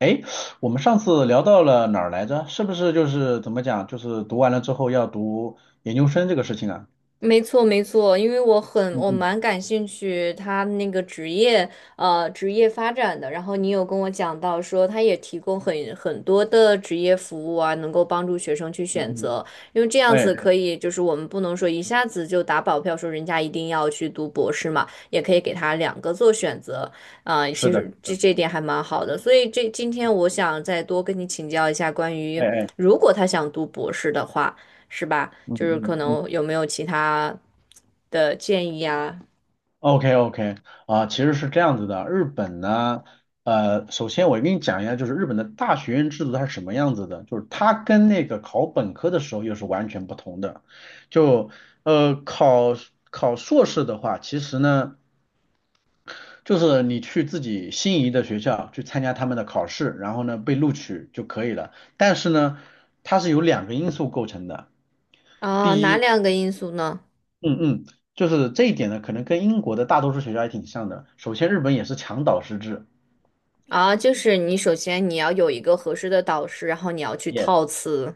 哎，我们上次聊到了哪儿来着？是不是就是怎么讲，就是读完了之后要读研究生这个事情啊？没错，没错，因为我很嗯我嗯蛮感兴趣他那个职业发展的，然后你有跟我讲到说他也提供很多的职业服务啊，能够帮助学生去嗯选嗯。择，因为这样子哎，可以就是我们不能说一下子就打保票说人家一定要去读博士嘛，也可以给他两个做选择，啊、是其的。实这点还蛮好的，所以今天我想再多跟你请教一下关于哎哎。如果他想读博士的话。是吧？嗯就是可嗯嗯能有没有其他的建议啊？，OK OK。啊，其实是这样子的，日本呢，首先我跟你讲一下，就是日本的大学院制度它是什么样子的，就是它跟那个考本科的时候又是完全不同的，就呃考考硕士的话，其实呢，就是你去自己心仪的学校去参加他们的考试，然后呢被录取就可以了。但是呢，它是由两个因素构成的。啊，第哪一，两个因素呢？嗯嗯，就是这一点呢，可能跟英国的大多数学校还挺像的。首先，日本也是强导师制。啊，就是你首先要有一个合适的导师，然后你要去套词。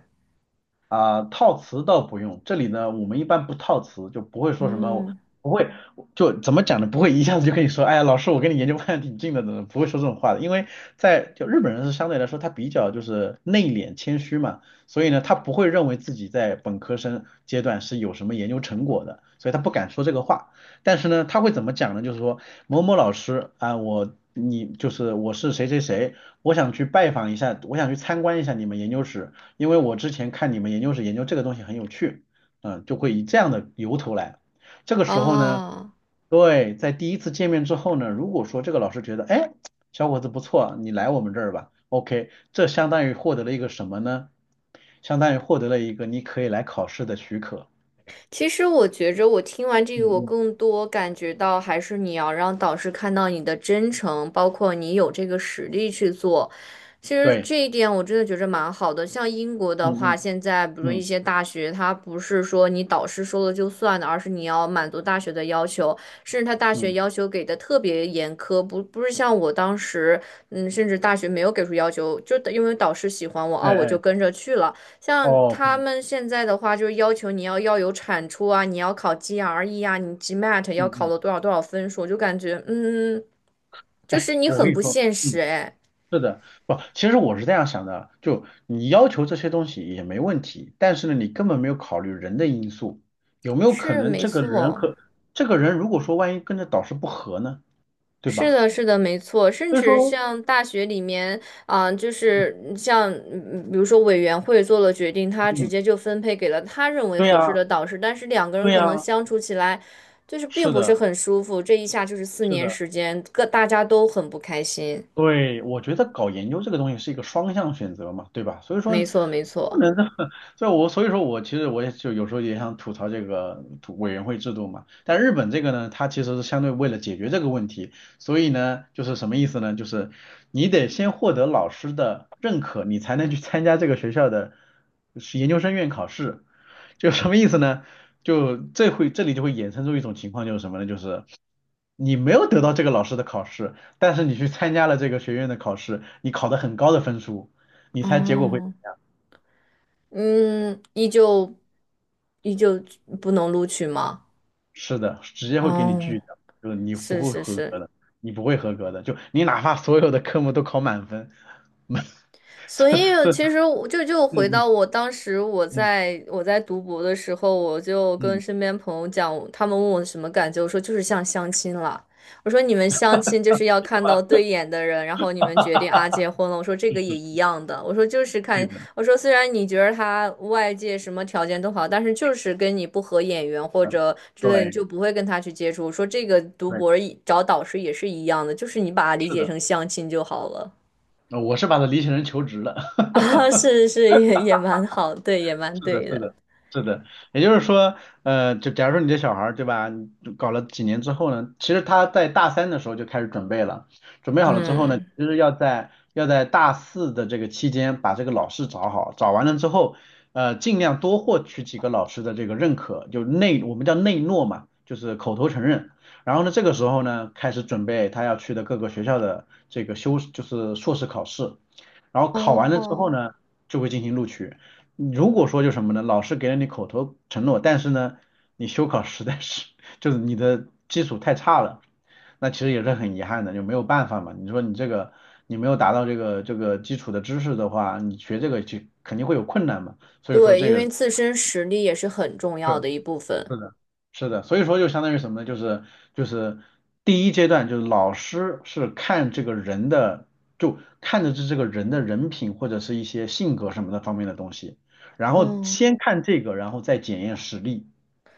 啊、套词倒不用，这里呢，我们一般不套词，就不会说什么，嗯，不会，就怎么讲呢？不会一下子就跟你说，哎呀，老师，我跟你研究方向挺近的，怎么不会说这种话的？因为就日本人是相对来说他比较就是内敛谦虚嘛，所以呢，他不会认为自己在本科生阶段是有什么研究成果的，所以他不敢说这个话。但是呢，他会怎么讲呢？就是说某某老师啊，我你就是我是谁谁谁，我想去拜访一下，我想去参观一下你们研究室。因为我之前看你们研究室研究这个东西很有趣，嗯，就会以这样的由头来。这个时候呢，哦。对，在第一次见面之后呢，如果说这个老师觉得，哎，小伙子不错，你来我们这儿吧，OK,这相当于获得了一个什么呢？相当于获得了一个你可以来考试的许可。其实我觉着，我听完这个，嗯我嗯。更多感觉到还是你要让导师看到你的真诚，包括你有这个实力去做。其实对。这一点我真的觉着蛮好的。像英国的嗯话，嗯现在比如说一嗯些大学，它不是说你导师说了就算的，而是你要满足大学的要求，甚至他大学嗯。要求给的特别严苛，不是像我当时，嗯，甚至大学没有给出要求，就因为导师喜欢我哎啊，我就哎跟着去了。像哦。他们现在的话，就是要求你要有产出啊，你要考 GRE 啊，你 GMAT 嗯要考嗯。了多少多少分数，就感觉,就哎，是你我跟很你不说，现嗯。实哎。是的。不，其实我是这样想的，就你要求这些东西也没问题，但是呢，你根本没有考虑人的因素，有没有可是能没这个人错，和这个人如果说万一跟着导师不合呢，对是吧？的，是的，没错。甚所以至说，像大学里面啊、就是像比如说委员会做了决定，他直嗯，接就分配给了他认为对合呀，适的导师，但是两个人对可呀，能相处起来就是并是不是的，很舒服，这一下就是四是年的。时间，各大家都很不开心。对，我觉得搞研究这个东西是一个双向选择嘛，对吧？所以说没错，没不错。能这么，所以说我其实我也就有时候也想吐槽这个委员会制度嘛。但日本这个呢，它其实是相对为了解决这个问题，所以呢，就是什么意思呢？就是你得先获得老师的认可，你才能去参加这个学校的是研究生院考试。就什么意思呢？就这会这里就会衍生出一种情况，就是什么呢？就是你没有得到这个老师的考试。但是你去参加了这个学院的考试，你考得很高的分数，你猜结果会哦，嗯，依旧不能录取吗？是的，直接会给你哦，拒掉，就是你不是会是合格是。的，你不会合格的，就你哪怕所有的科目都考满分，所以其实我就回嗯到嗯我当时我嗯在我在读博的时候，我就跟嗯，身边朋友讲，他们问我什么感觉，我说就是像相亲了。我说你们相亲就是要看到对眼的人，然后你们决定啊结婚了。我说这个也一样的，我说就是对看，的，我说虽然你觉得他外界什么条件都好，但是就是跟你不合眼缘或者之类的，你对就不会跟他去接触。我说这个读对，博找导师也是一样的，就是你把它理是解的。成相亲就好了。我是把它理解成求职了。啊，是是，也蛮好，对，也蛮是的，对是的。的，是的，也就是说，就假如说你这小孩儿，对吧？你搞了几年之后呢，其实他在大三的时候就开始准备了，准备好了之后呢，嗯，其实要在大四的这个期间把这个老师找好，找完了之后，尽量多获取几个老师的这个认可，就内我们叫内诺嘛，就是口头承认。然后呢，这个时候呢，开始准备他要去的各个学校的这个修，就是硕士考试。然后考完了之后哦，呢，就会进行录取。如果说就什么呢，老师给了你口头承诺，但是呢，你修考实在是 就是你的基础太差了，那其实也是很遗憾的，就没有办法嘛。你说你这个你没有达到这个基础的知识的话，你学这个就肯定会有困难嘛。所以说对，这因个为自身实力也是很重是。要的一部分。是的，是的，所以说就相当于什么呢？就是第一阶段，就是老师是看这个人的，就看的是这个人的人品或者是一些性格什么的方面的东西，然后嗯，先看这个，然后再检验实力。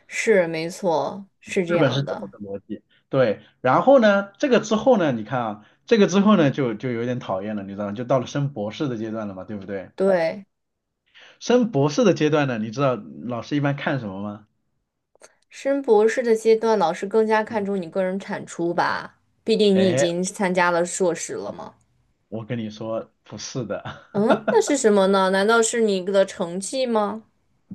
是，没错，是这日本是样这么的。个逻辑，对。然后呢，这个之后呢，你看啊，这个之后呢，就有点讨厌了，你知道吗？就到了升博士的阶段了嘛，对不对？对，升博士的阶段呢，你知道老师一般看什么吗？升博士的阶段，老师更加看嗯。重你个人产出吧，毕竟你已哎，经参加了硕士了嘛。我跟你说，不是的。嗯，那是 什么呢？难道是你的成绩吗？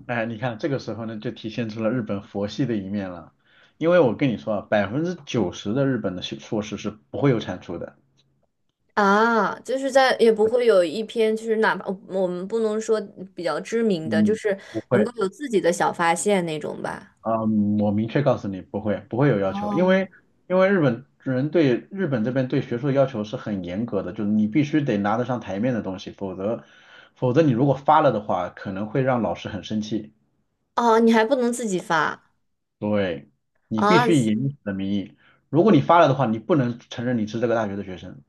哎，你看这个时候呢，就体现出了日本佛系的一面了。因为我跟你说啊，90%的日本的学硕士是不会有产出的。啊，就是在也不会有一篇，就是哪怕我们不能说比较知名的，就嗯，是不能会。够有自己的小发现那种吧。啊，我明确告诉你，不会，不会有要求，因哦，为日本人对日本这边对学术要求是很严格的，就是你必须得拿得上台面的东西，否则你如果发了的话，可能会让老师很生气。哦，你还不能自己发对，你必啊？须以你的名义，如果你发了的话，你不能承认你是这个大学的学生。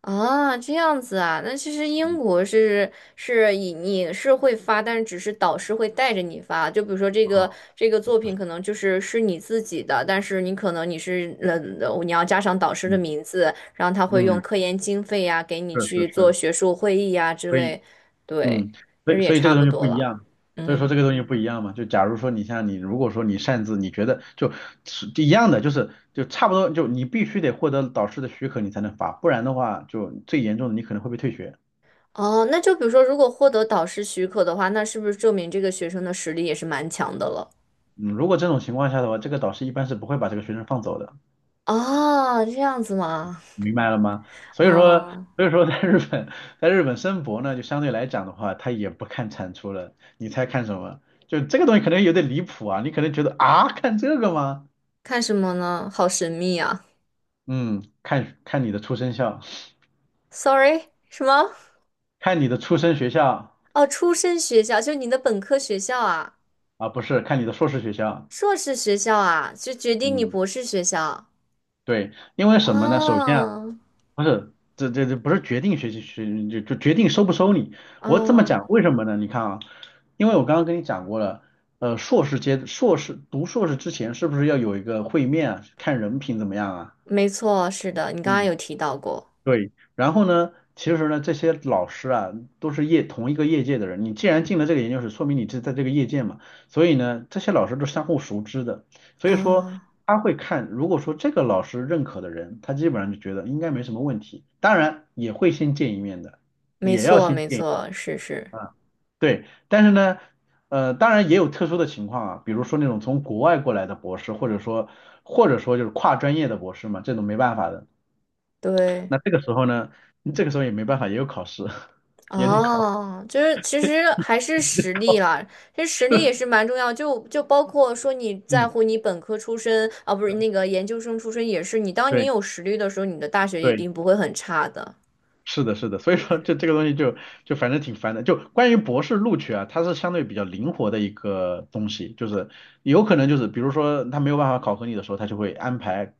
啊，这样子啊，那其实英国是以你是会发，但是只是导师会带着你发。就比如说这个啊，这个作品可能就是是你自己的，但是你可能你要加上导师的嗯名字，然后他会用嗯。科研经费呀、给你是是去做是。学术会议呀、之所以，类，对，嗯，其所实以也所以这差个东不西多不一了，样，所以说这嗯。个东西不一样嘛。就假如说你像你，如果说你擅自，你觉得就是一样的，就是就差不多，就你必须得获得导师的许可，你才能发，不然的话，就最严重的你可能会被退学。哦，那就比如说，如果获得导师许可的话，那是不是证明这个学生的实力也是蛮强的了？嗯，如果这种情况下的话，这个导师一般是不会把这个学生放走的，啊，这样子吗？明白了吗？所以说，啊。所以说在日本，在日本申博呢，就相对来讲的话，他也不看产出了，你猜看什么？就这个东西可能有点离谱啊，你可能觉得啊，看这个吗？看什么呢？好神秘啊嗯，看看你的出生校，！Sorry,什么？看你的出生学校哦，出身学校，就你的本科学校啊，啊，不是看你的硕士学校。硕士学校啊，就决定你嗯，博士学校。对，因为什么呢？首先啊，哦，不是这不是决定学习学就就决定收不收你。我这么哦，讲，为什么呢？你看啊，因为我刚刚跟你讲过了，硕士阶硕士读硕士之前是不是要有一个会面啊，看人品怎么样啊？没错，是的，你刚刚嗯。有提到过。对，然后呢，其实呢，这些老师啊，都是同一个业界的人。你既然进了这个研究室，说明你是在这个业界嘛。所以呢，这些老师都是相互熟知的。所以说，啊、他会看，如果说这个老师认可的人，他基本上就觉得应该没什么问题。当然，也会先见一面的，没也要错，先没见一错，是是，对，但是呢，当然也有特殊的情况啊，比如说那种从国外过来的博士，或者说就是跨专业的博士嘛，这种没办法的。对。那这个时候呢，这个时候也没办法，也有考试，也得考。哦，就是其实还是实力啦，其实实力也是蛮重要，就包括说你在嗯，乎你本科出身啊，不是那个研究生出身也是，你当你对有实力的时候，你的大学一对，定不会很差的。是的，是的。所以说这个东西就反正挺烦的。就关于博士录取啊，它是相对比较灵活的一个东西，就是有可能就是比如说他没有办法考核你的时候，他就会安排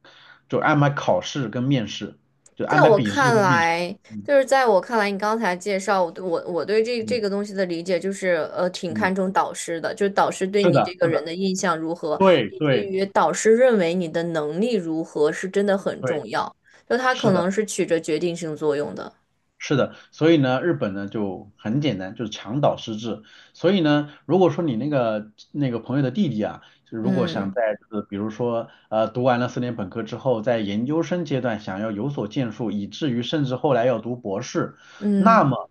就安排考试跟面试，就在安排我笔试看跟面试。来，嗯就是在我看来，你刚才介绍我对我我对这这嗯个东西的理解就是，挺看嗯，重导师的，就是导师对是你这的，个是人的，的印象如何，对以及对于导师认为你的能力如何，是真的很对，重要，就他是可能的。是起着决定性作用的。是的，所以呢，日本呢就很简单，就是墙倒失治。所以呢，如果说你那个朋友的弟弟啊，就如果想嗯在就是比如说读完了4年本科之后，在研究生阶段想要有所建树，以至于甚至后来要读博士，那嗯，么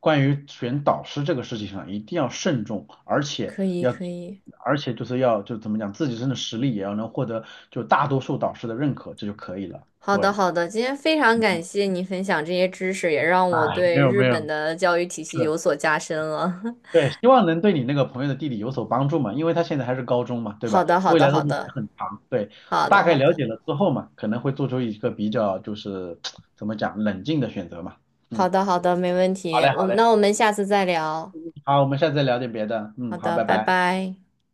关于选导师这个事情上一定要慎重，而且可以可以，就是要就怎么讲，自己真的实力也要能获得就大多数导师的认可，这就可以了。好的对，好的，今天非常感谢你分享这些知识，也让哎，我没对有日没有，本的教育体系是。有所加深了。对，希望能对你那个朋友的弟弟有所帮助嘛，因为他现在还是高中嘛，对好吧？的好未的来的好路的还很长，对，好的大概好了的解了之后嘛，可能会做出一个比较就是怎么讲冷静的选择嘛。好嗯，的好的，没问好题。嘞，好我嘞，那我们下次再聊。好，我们下次再聊点别的。嗯，好好，的，拜拜拜。拜。